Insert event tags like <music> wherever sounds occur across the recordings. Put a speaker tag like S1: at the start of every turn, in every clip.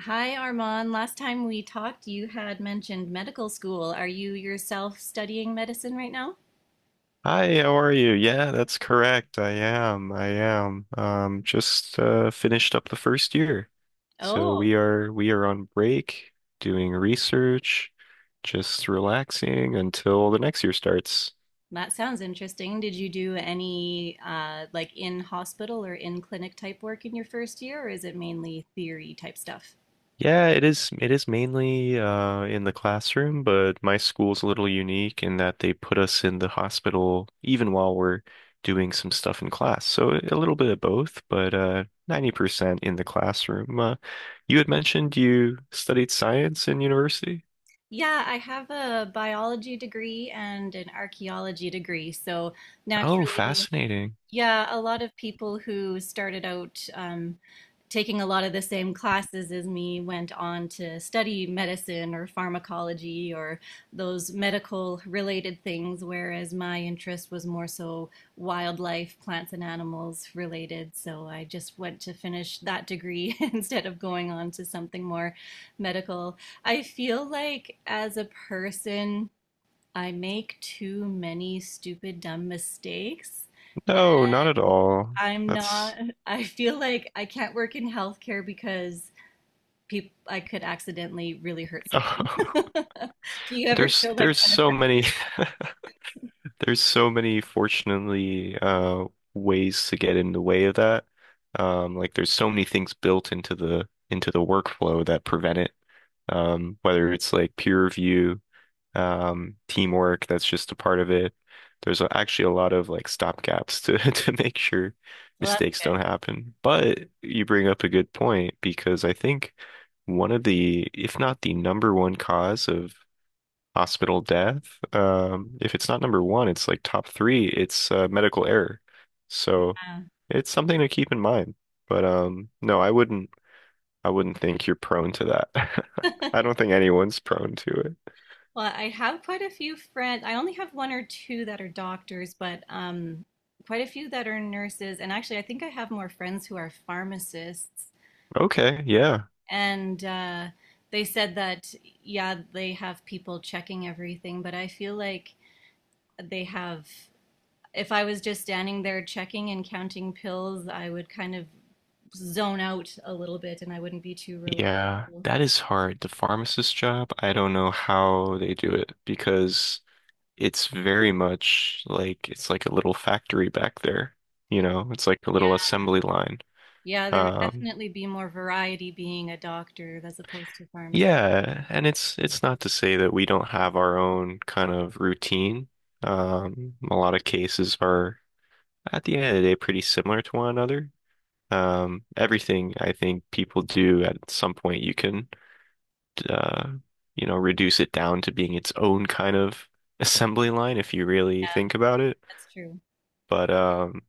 S1: Hi, Armand. Last time we talked, you had mentioned medical school. Are you yourself studying medicine right now?
S2: Hi, how are you? Yeah, that's correct. I am. I am. Just Finished up the first year. So
S1: Oh,
S2: we are on break, doing research, just relaxing until the next year starts.
S1: that sounds interesting. Did you do any like in hospital or in clinic type work in your first year, or is it mainly theory type stuff?
S2: Yeah, it is mainly in the classroom, but my school's a little unique in that they put us in the hospital even while we're doing some stuff in class. So a little bit of both, but 90% in the classroom. You had mentioned you studied science in university?
S1: Yeah, I have a biology degree and an archaeology degree. So
S2: Oh,
S1: naturally,
S2: fascinating.
S1: yeah, a lot of people who started out taking a lot of the same classes as me went on to study medicine or pharmacology or those medical related things, whereas my interest was more so wildlife, plants, and animals related. So I just went to finish that degree <laughs> instead of going on to something more medical. I feel like as a person, I make too many stupid, dumb mistakes.
S2: No, not at all.
S1: I'm not,
S2: That's
S1: <laughs> I feel like I can't work in healthcare because people, I could accidentally really hurt someone.
S2: <laughs>
S1: <laughs> Do you ever feel that
S2: there's
S1: kind of
S2: so
S1: pressure?
S2: many. <laughs> There's so many, fortunately, ways to get in the way of that. Like there's so many things built into the workflow that prevent it. Whether it's like peer review, teamwork, that's just a part of it. There's actually a lot of like stopgaps to <laughs> to make sure
S1: Well, that's
S2: mistakes don't
S1: good.
S2: happen. But you bring up a good point because I think one of the, if not the number one cause of hospital death. If it's not number one, it's like top three. It's medical error. So it's something to keep in mind. But no, I wouldn't. I wouldn't think you're prone to that. <laughs> I don't think anyone's prone to it.
S1: Well, I have quite a few friends. I only have one or two that are doctors, but quite a few that are nurses. And actually, I think I have more friends who are pharmacists.
S2: Okay, yeah.
S1: And they said that, yeah, they have people checking everything, but I feel like they have, if I was just standing there checking and counting pills, I would kind of zone out a little bit and I wouldn't be too
S2: Yeah,
S1: reliable.
S2: that is hard. The pharmacist job, I don't know how they do it because it's very much like it's like a little factory back there. You know, it's like a little
S1: Yeah,
S2: assembly line.
S1: yeah, there would
S2: Um,
S1: definitely be more variety being a doctor as opposed to pharmacy.
S2: Yeah, and it's not to say that we don't have our own kind of routine. A lot of cases are at the end of the day pretty similar to one another. Everything I think people do at some point you can uh, you know, reduce it down to being its own kind of <laughs> assembly line if you really
S1: Yeah.
S2: think about it.
S1: That's true.
S2: But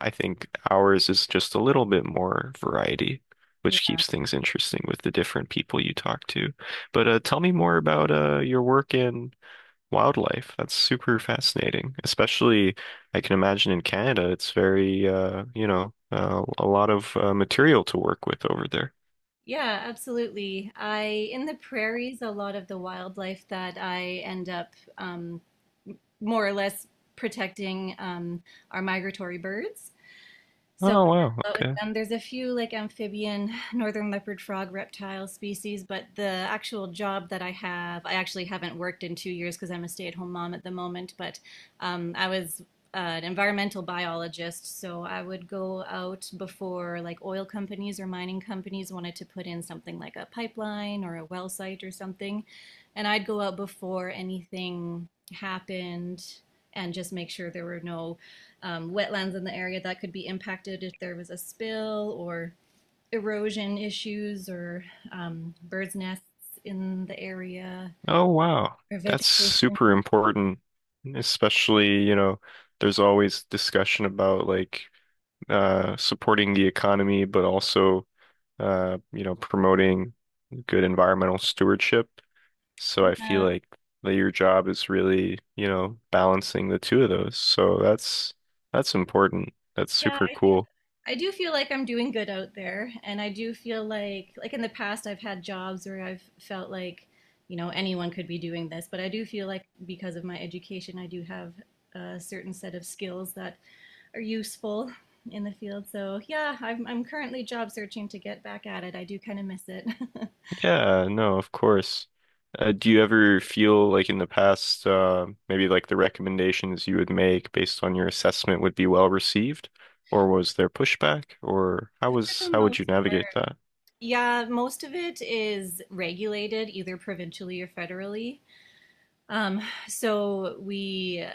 S2: I think ours is just a little bit more variety, which
S1: Yeah,
S2: keeps things interesting with the different people you talk to. But tell me more about your work in wildlife. That's super fascinating. Especially, I can imagine in Canada, it's very, you know, a lot of material to work with over there.
S1: yeah, absolutely. I in the prairies, a lot of the wildlife that I end up more or less protecting are migratory birds. So I work
S2: Oh, wow.
S1: a lot with
S2: Okay.
S1: them. There's a few like amphibian <sighs> northern leopard frog reptile species, but the actual job that I have, I actually haven't worked in 2 years because I'm a stay-at-home mom at the moment. But I was an environmental biologist, so I would go out before like oil companies or mining companies wanted to put in something like a pipeline or a well site or something, and I'd go out before anything happened and just make sure there were no wetlands in the area that could be impacted if there was a spill or erosion issues or birds' nests in the area
S2: Oh, wow.
S1: or
S2: That's
S1: vegetation.
S2: super important, especially, you know, there's always discussion about like supporting the economy, but also you know, promoting good environmental stewardship. So I feel
S1: Yeah.
S2: like that your job is really, you know, balancing the two of those. So that's important. That's
S1: Yeah,
S2: super
S1: I do.
S2: cool.
S1: I do feel like I'm doing good out there, and I do feel like in the past I've had jobs where I've felt like, you know, anyone could be doing this, but I do feel like because of my education, I do have a certain set of skills that are useful in the field. So, yeah, I'm currently job searching to get back at it. I do kind of miss it. <laughs>
S2: Yeah, no, of course. Do you ever feel like in the past, maybe like the recommendations you would make based on your assessment would be well received, or was there pushback, or how
S1: For
S2: was
S1: the
S2: how would
S1: most
S2: you navigate
S1: part.
S2: that?
S1: Yeah, most of it is regulated either provincially or federally. Um, so we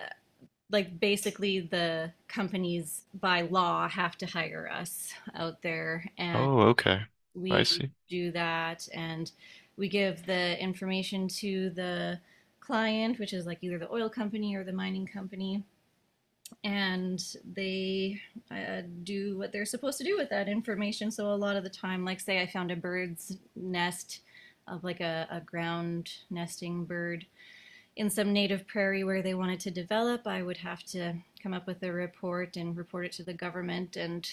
S1: like basically the companies by law have to hire us out there and
S2: Oh, okay. I
S1: we
S2: see.
S1: do that and we give the information to the client which is like either the oil company or the mining company and they do what they're supposed to do with that information. So a lot of the time, like say I found a bird's nest of like a ground nesting bird in some native prairie where they wanted to develop, I would have to come up with a report and report it to the government. And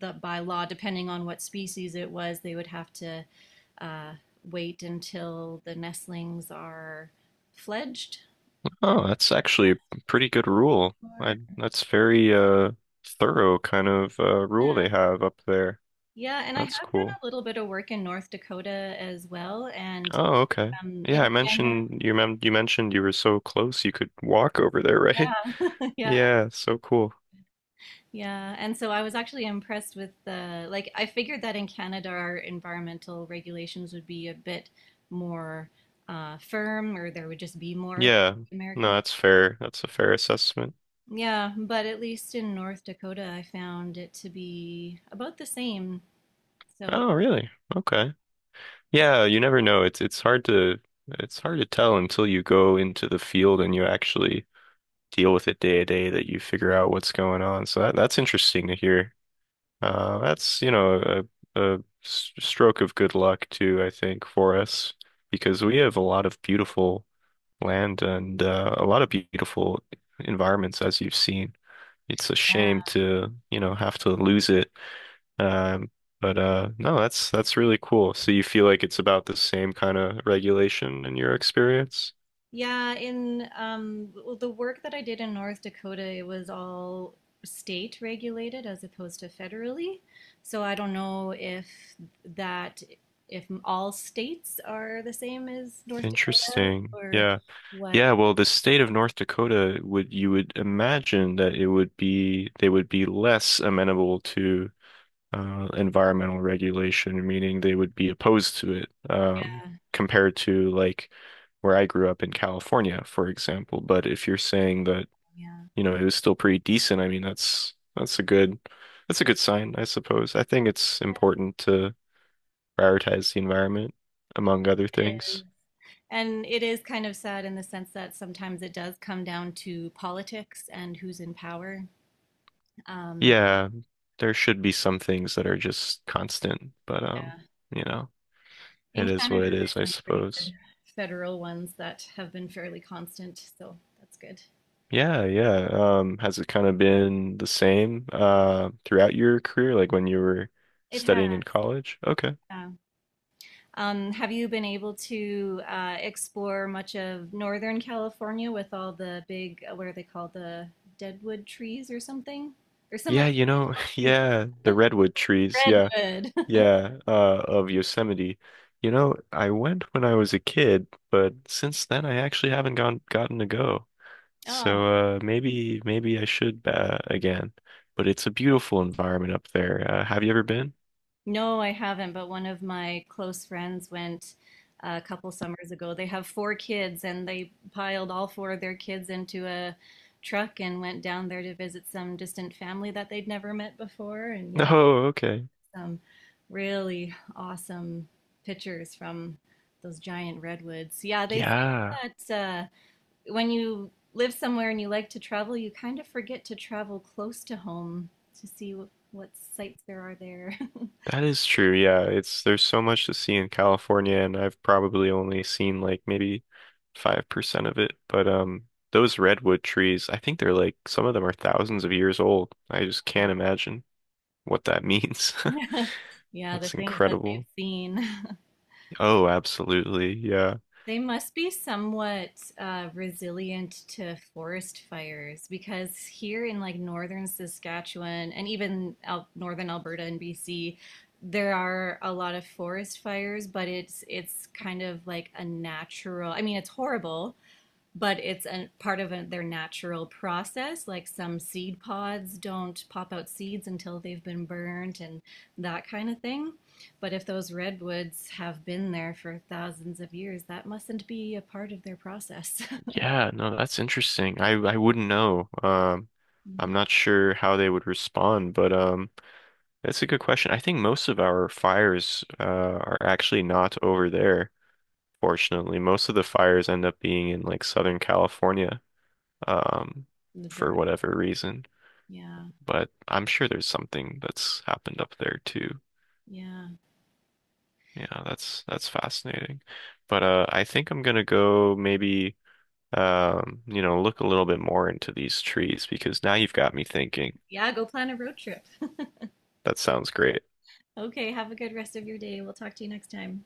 S1: the, by law, depending on what species it was, they would have to uh, wait until the nestlings are fledged. And
S2: Oh, that's actually
S1: that
S2: a
S1: was
S2: pretty good rule. I
S1: before-
S2: that's very thorough kind of rule they
S1: yeah.
S2: have up there.
S1: Yeah, and I
S2: That's
S1: have done
S2: cool.
S1: a little bit of work in North Dakota as well. And
S2: Oh, okay. Yeah,
S1: in
S2: I
S1: general,
S2: mentioned you mentioned you were so close you could walk over there, right? <laughs>
S1: yeah, <laughs> yeah,
S2: Yeah, so cool.
S1: yeah, and so I was actually impressed with the like I figured that in Canada our environmental regulations would be a bit more firm or there would just be more
S2: Yeah.
S1: American.
S2: No, that's fair. That's a fair assessment.
S1: Yeah, but at least in North Dakota I found it to be about the same. So
S2: Oh, really? Okay. Yeah, you never know. It's hard to tell until you go into the field and you actually deal with it day to day that you figure out what's going on. So that's interesting to hear. That's, you know, a stroke of good luck too, I think, for us because we have a lot of beautiful land and a lot of beautiful environments, as you've seen. It's a
S1: yeah.
S2: shame to, you know, have to lose it. Um, but No, that's really cool. So you feel like it's about the same kind of regulation in your experience?
S1: Yeah, in well, the work that I did in North Dakota, it was all state regulated as opposed to federally. So I don't know if that, if all states are the same as North Dakota
S2: Interesting.
S1: or
S2: Yeah.
S1: what.
S2: Yeah, well, the state of North Dakota would you would imagine that it would be they would be less amenable to environmental regulation, meaning they would be opposed to it
S1: Uh,
S2: compared to like where I grew up in California, for example. But if you're saying that,
S1: yeah,
S2: you know, it was still pretty decent, I mean, that's a good sign, I suppose. I think it's important to prioritize the environment among other
S1: it is.
S2: things.
S1: And it is kind of sad in the sense that sometimes it does come down to politics and who's in power. Um,
S2: Yeah, there should be some things that are just constant, but you know, it
S1: in
S2: is what
S1: Canada,
S2: it is,
S1: there's
S2: I
S1: some pretty good
S2: suppose.
S1: federal ones that have been fairly constant, so that's good.
S2: Yeah, yeah. Has it kind of been the same throughout your career, like when you were
S1: It has.
S2: studying in college? Okay.
S1: Yeah. Have you been able to explore much of Northern California with all the big, what are they called, the deadwood trees or something? There's some
S2: Yeah,
S1: like
S2: you
S1: really
S2: know,
S1: tall
S2: <laughs>
S1: trees,
S2: yeah, the redwood trees, yeah,
S1: redwood. <laughs>
S2: yeah, of Yosemite. You know, I went when I was a kid, but since then I actually haven't gone gotten to go.
S1: Oh,
S2: So uh, maybe I should again, but it's a beautiful environment up there. Have you ever been? <laughs>
S1: no, I haven't, but one of my close friends went a couple summers ago. They have four kids, and they piled all four of their kids into a truck and went down there to visit some distant family that they'd never met before. And yeah,
S2: No, okay.
S1: some really awesome pictures from those giant redwoods. Yeah, they
S2: Yeah,
S1: say that when you live somewhere and you like to travel, you kind of forget to travel close to home to see what sights there are there. <laughs>
S2: that is true. Yeah, it's there's so much to see in California, and I've probably only seen like maybe 5% of it. But those redwood trees, I think they're like some of them are thousands of years old. I just can't imagine what that means.
S1: <laughs>
S2: <laughs>
S1: Yeah, the
S2: That's
S1: things that they've
S2: incredible.
S1: seen. <laughs>
S2: Oh, absolutely. Yeah.
S1: They must be somewhat resilient to forest fires because here in like northern Saskatchewan and even out northern Alberta and BC, there are a lot of forest fires, but it's kind of like a natural, I mean, it's horrible, but it's a part of a, their natural process. Like some seed pods don't pop out seeds until they've been burnt and that kind of thing. But if those redwoods have been there for thousands of years, that mustn't be a part of their process. <laughs>
S2: Yeah, no, that's interesting. I wouldn't know.
S1: Mm.
S2: I'm not sure how they would respond, but that's a good question. I think most of our fires are actually not over there, fortunately. Most of the fires end up being in like Southern California, um,
S1: The
S2: for
S1: dry.
S2: whatever reason.
S1: Yeah.
S2: But I'm sure there's something that's happened up there too.
S1: Yeah.
S2: Yeah, that's fascinating. But I think I'm gonna go maybe. You know, look a little bit more into these trees because now you've got me thinking.
S1: Yeah. Go plan a road trip.
S2: That sounds great.
S1: Okay. Have a good rest of your day. We'll talk to you next time.